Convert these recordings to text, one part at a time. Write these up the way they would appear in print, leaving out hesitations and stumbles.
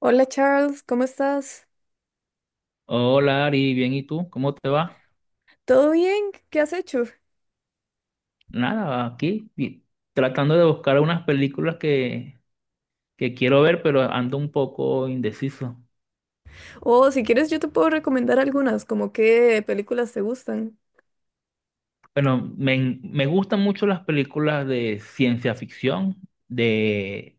Hola Charles, ¿cómo estás? Hola Ari, bien, ¿y tú? ¿Cómo te va? ¿Todo bien? ¿Qué has hecho? Nada, tratando de buscar unas películas que quiero ver, pero ando un poco indeciso. O si quieres yo te puedo recomendar algunas, como qué películas te gustan. Bueno, me gustan mucho las películas de ciencia ficción, de,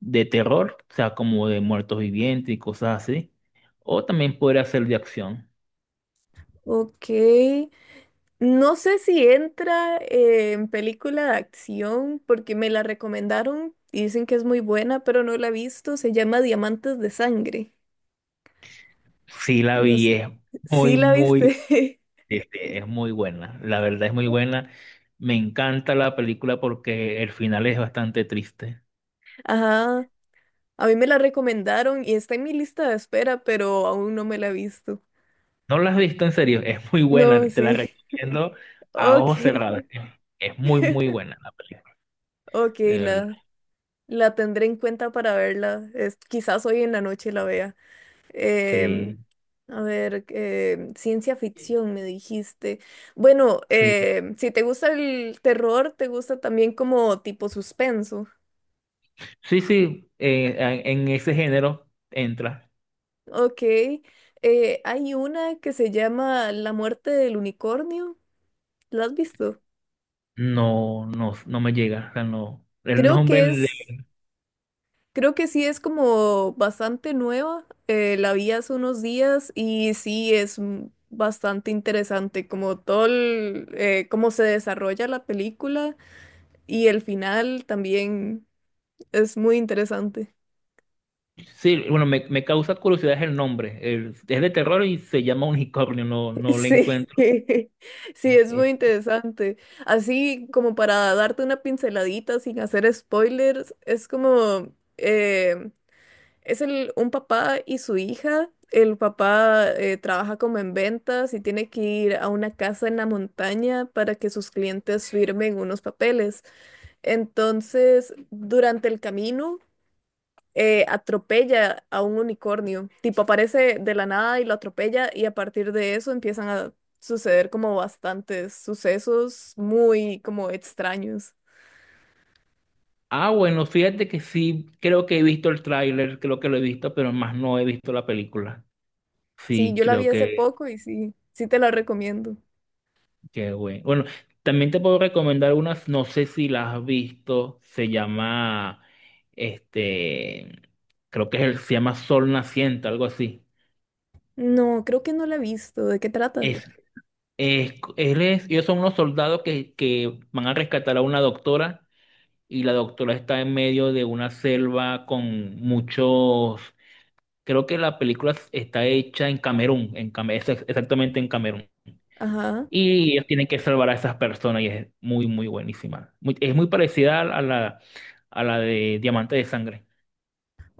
de terror, o sea, como de muertos vivientes y cosas así. O también podría ser de acción. Ok, no sé si entra en película de acción porque me la recomendaron y dicen que es muy buena, pero no la he visto. Se llama Diamantes de Sangre. Sí, la No vi, s- es Sí muy, la muy, viste. Es muy buena. La verdad es muy buena. Me encanta la película porque el final es bastante triste. Ajá, a mí me la recomendaron y está en mi lista de espera, pero aún no me la he visto. ¿No la has visto? En serio, es muy No, buena, te la sí. recomiendo a Ok, ojos cerrados. Es muy, muy buena la película, ok, de verdad. La tendré en cuenta para verla. Quizás hoy en la noche la vea. Em, Sí, a ver, ciencia ficción, me dijiste. Bueno, sí, si te gusta el terror, te gusta también como tipo suspenso. sí, sí, en ese género entra. Ok. Hay una que se llama La muerte del unicornio. ¿La has visto? No, no, no me llega, o sea, no. Creo que es. Creo que sí es como bastante nueva. La vi hace unos días y sí es bastante interesante como todo el, cómo se desarrolla la película y el final también es muy interesante. Sí, bueno, me causa curiosidad el nombre. Es de terror y se llama Unicornio, no, no le Sí, encuentro. sí, es muy Eh, interesante. Así como para darte una pinceladita sin hacer spoilers, es como: un papá y su hija. El papá trabaja como en ventas y tiene que ir a una casa en la montaña para que sus clientes firmen unos papeles. Entonces, durante el camino, atropella a un unicornio. Tipo, aparece de la nada y lo atropella y a partir de eso empiezan a suceder como bastantes sucesos muy como extraños. Ah, bueno, fíjate que sí, creo que he visto el tráiler, creo que lo he visto, pero más no he visto la película. Sí, Sí, yo la creo vi hace que... poco y sí, sí te la recomiendo. Qué bueno. Bueno, también te puedo recomendar unas, no sé si las has visto, se llama, este, creo que se llama Sol Naciente, algo así. No, creo que no la he visto. ¿De qué trata? Es, Ellos son unos soldados que van a rescatar a una doctora y la doctora está en medio de una selva con muchos, creo que la película está hecha en Camerún, exactamente en Camerún. Ajá, Y ellos tienen que salvar a esas personas y es muy buenísima. Es muy parecida a a la de Diamante de Sangre.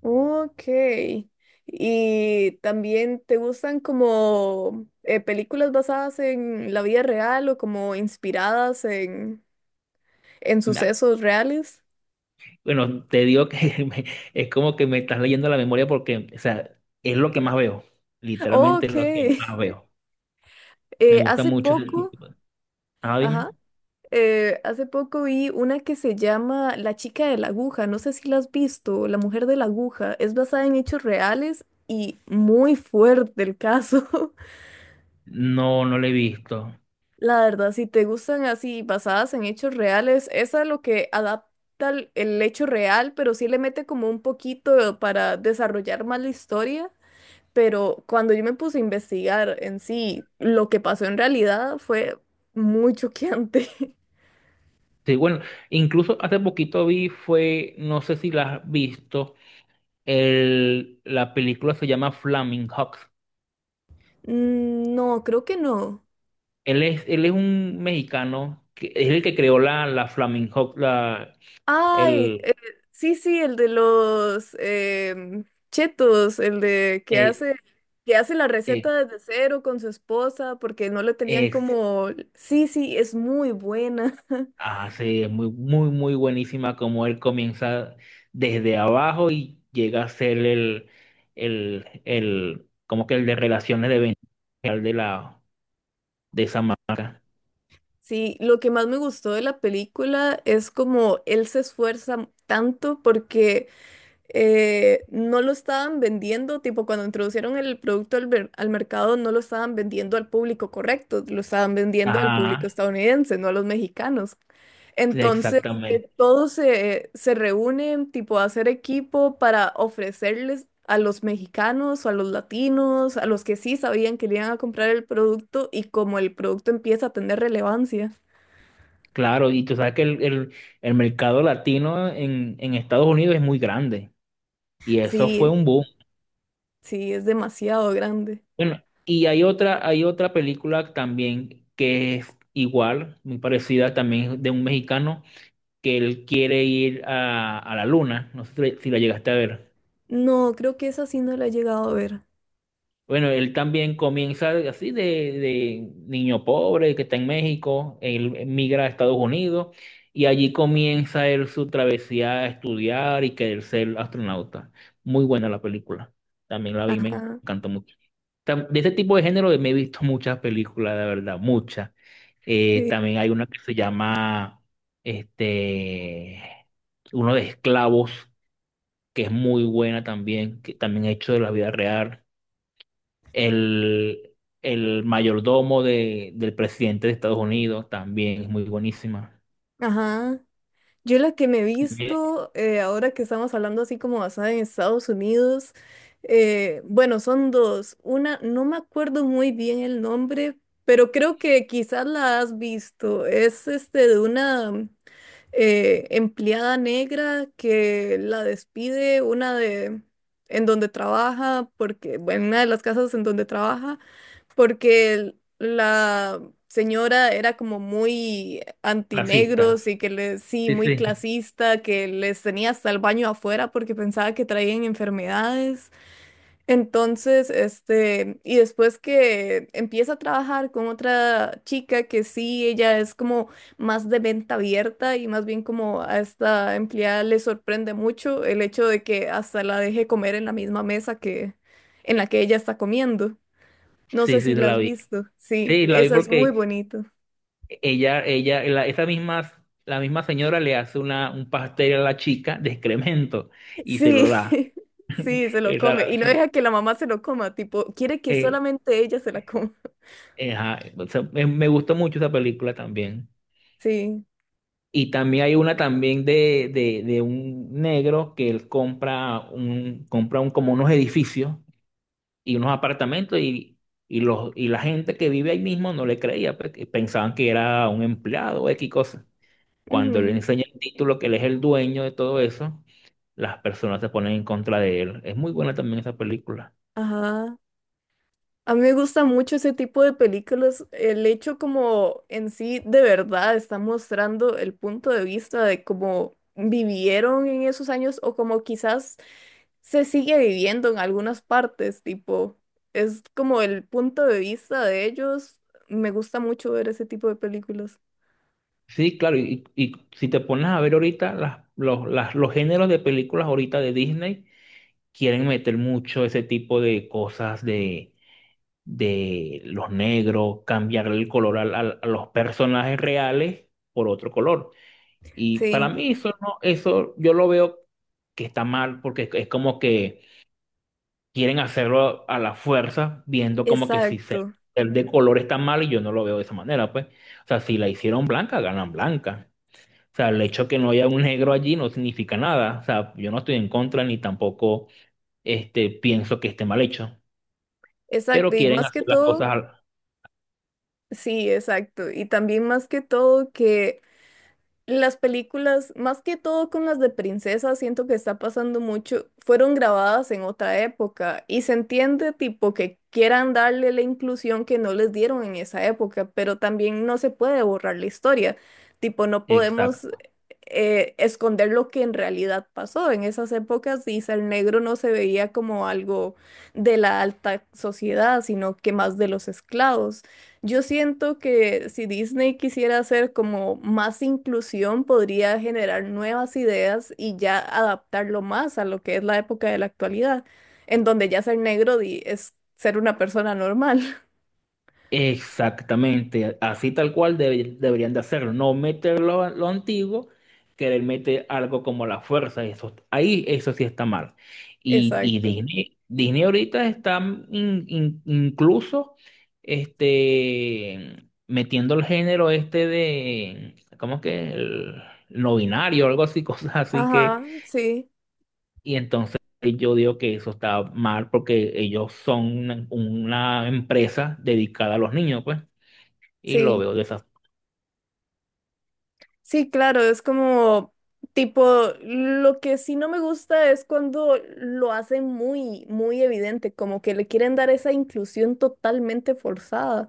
ok. ¿Y también te gustan como películas basadas en la vida real o como inspiradas en Na- sucesos reales? Bueno, te digo que es como que me estás leyendo la memoria porque, o sea, es lo que más veo. Literalmente Ok. es lo que más veo. Me Eh, gusta hace mucho ese poco, tipo. Ah, ajá, dime. Hace poco vi una que se llama La chica de la aguja, no sé si la has visto, La mujer de la aguja, es basada en hechos reales y muy fuerte el caso. No, no lo he visto. La verdad, si te gustan así basadas en hechos reales, esa es lo que adapta el hecho real, pero sí le mete como un poquito para desarrollar más la historia. Pero cuando yo me puse a investigar en sí, lo que pasó en realidad fue muy choqueante. Sí, bueno, incluso hace poquito vi, fue, no sé si la has visto, la película se llama Flaming hawks. Mm, no, creo que no. Él es un mexicano que es el que creó la Flaming Hot, la, Ay, el, sí, sí, el de los chetos, el de eh, que hace la receta eh, desde cero con su esposa porque no le tenían es, como... Sí, sí, es muy buena. Sí, es muy, muy, muy buenísima, como él comienza desde abajo y llega a ser el, como que el de relaciones de venta de de esa marca. Sí, lo que más me gustó de la película es como él se esfuerza tanto porque... no lo estaban vendiendo, tipo cuando introducieron el producto al mercado, no lo estaban vendiendo al público correcto, lo estaban vendiendo al público Ajá, estadounidense, no a los mexicanos. Entonces, que exactamente. todos se reúnen, tipo, a hacer equipo para ofrecerles a los mexicanos o a los latinos, a los que sí sabían que le iban a comprar el producto y como el producto empieza a tener relevancia. Claro, y tú sabes que el el mercado latino en Estados Unidos es muy grande y eso fue Sí, un boom. sí, es demasiado grande. Bueno, y hay otra película también que es igual, muy parecida también de un mexicano que él quiere ir a la luna. No sé si la si la llegaste a ver. No, creo que esa sí no la he llegado a ver. Bueno, él también comienza así de niño pobre que está en México, él migra a Estados Unidos y allí comienza él su travesía a estudiar y querer ser astronauta. Muy buena la película, también la vi, me Ajá. encantó mucho. De este tipo de género me he visto muchas películas, de verdad, muchas. Sí, También hay una que se llama, este, uno de esclavos, que es muy buena también, que también hecho de la vida real. El, el mayordomo del presidente de Estados Unidos también es muy buenísima. ajá. Yo la que me he Bien. visto, ahora que estamos hablando así como basada en Estados Unidos, bueno, son dos. Una, no me acuerdo muy bien el nombre, pero creo que quizás la has visto. Es este de una. Empleada negra que la despide una de en donde trabaja porque en una de las casas en donde trabaja porque la señora era como muy Racista. antinegros y que le sí Sí, muy sí, clasista que les tenía hasta el baño afuera porque pensaba que traían enfermedades. Entonces, este, y después que empieza a trabajar con otra chica que sí, ella es como más de venta abierta y más bien como a esta empleada le sorprende mucho el hecho de que hasta la deje comer en la misma mesa que en la que ella está comiendo. No sé sí, si sí, la la has vi. visto. Sí, Sí, la vi esa es muy porque bonito. Esa misma, la misma señora le hace un pastel a la chica de excremento y se Sí, lo da. sí, se lo Esa come la- y no deja sí, que la mamá se lo coma, tipo, quiere que eh, solamente ella se la coma. Ajá, o sea, me gustó mucho esa película también. Sí. Y también hay una también de un negro que él compra compra un, como unos edificios y unos apartamentos y y la gente que vive ahí mismo no le creía, pues, que pensaban que era un empleado o X cosa. Cuando le Ujú. enseña el título que él es el dueño de todo eso, las personas se ponen en contra de él. Es muy buena también esa película. Ajá. A mí me gusta mucho ese tipo de películas. El hecho como en sí de verdad está mostrando el punto de vista de cómo vivieron en esos años o como quizás se sigue viviendo en algunas partes, tipo, es como el punto de vista de ellos. Me gusta mucho ver ese tipo de películas. Sí, claro, y si te pones a ver ahorita, los géneros de películas ahorita de Disney quieren meter mucho ese tipo de cosas de los negros, cambiarle el color a los personajes reales por otro color. Y para Sí, mí eso no, eso yo lo veo que está mal porque es como que quieren hacerlo a la fuerza, viendo como que si exacto, ser de color está mal y yo no lo veo de esa manera, pues. O sea, si la hicieron blanca, ganan blanca. O sea, el hecho que no haya un negro allí no significa nada. O sea, yo no estoy en contra ni tampoco pienso que esté mal hecho, pero exacto. Y quieren más que hacer las cosas todo, sí, exacto. Y también más que todo que las películas, más que todo con las de princesas, siento que está pasando mucho, fueron grabadas en otra época y se entiende tipo que quieran darle la inclusión que no les dieron en esa época, pero también no se puede borrar la historia, tipo no podemos exacto. Esconder lo que en realidad pasó en esas épocas, y el negro no se veía como algo de la alta sociedad, sino que más de los esclavos. Yo siento que si Disney quisiera hacer como más inclusión, podría generar nuevas ideas y ya adaptarlo más a lo que es la época de la actualidad, en donde ya ser negro es ser una persona normal. Exactamente, así tal cual deberían de hacerlo, no meter lo antiguo, querer meter algo como la fuerza, eso, ahí eso sí está mal. Y, y Exacto. Disney, Disney ahorita está incluso metiendo el género este de, ¿cómo es que? El no binario, algo así, cosas así Ajá, sí, y entonces yo digo que eso está mal porque ellos son una empresa dedicada a los niños, pues. Y lo sí. veo de esa. Sí, claro, es como tipo, lo que sí no me gusta es cuando lo hacen muy, muy evidente, como que le quieren dar esa inclusión totalmente forzada.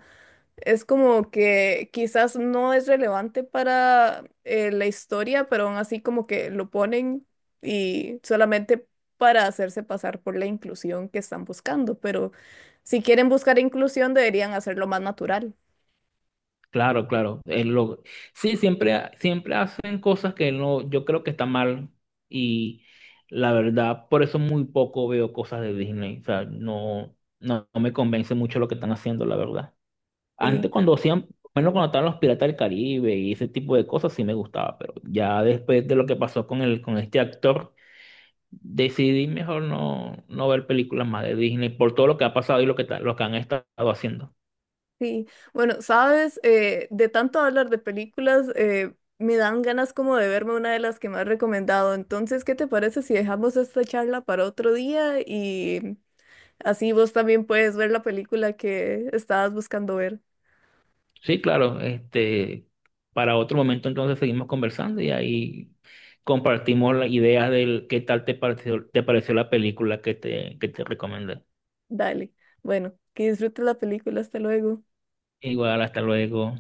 Es como que quizás no es relevante para la historia, pero aún así como que lo ponen y solamente para hacerse pasar por la inclusión que están buscando. Pero si quieren buscar inclusión, deberían hacerlo más natural. Claro, claro. Él lo... Sí, siempre hacen cosas que no, yo creo que está mal. Y la verdad, por eso muy poco veo cosas de Disney. O sea, no, no, no me convence mucho lo que están haciendo, la verdad. Antes Sí, cuando hacían, bueno, cuando estaban los Piratas del Caribe y ese tipo de cosas, sí me gustaba. Pero ya después de lo que pasó con con este actor, decidí mejor no, no ver películas más de Disney por todo lo que ha pasado y lo que, lo que han estado haciendo. sí. Bueno, sabes, de tanto hablar de películas, me dan ganas como de verme una de las que me has recomendado. Entonces, ¿qué te parece si dejamos esta charla para otro día y así vos también puedes ver la película que estabas buscando ver? Sí, claro. Este, para otro momento entonces seguimos conversando y ahí compartimos las ideas del qué tal te te pareció la película que te recomendé. Dale. Bueno, que disfrutes la película. Hasta luego. Igual, hasta luego.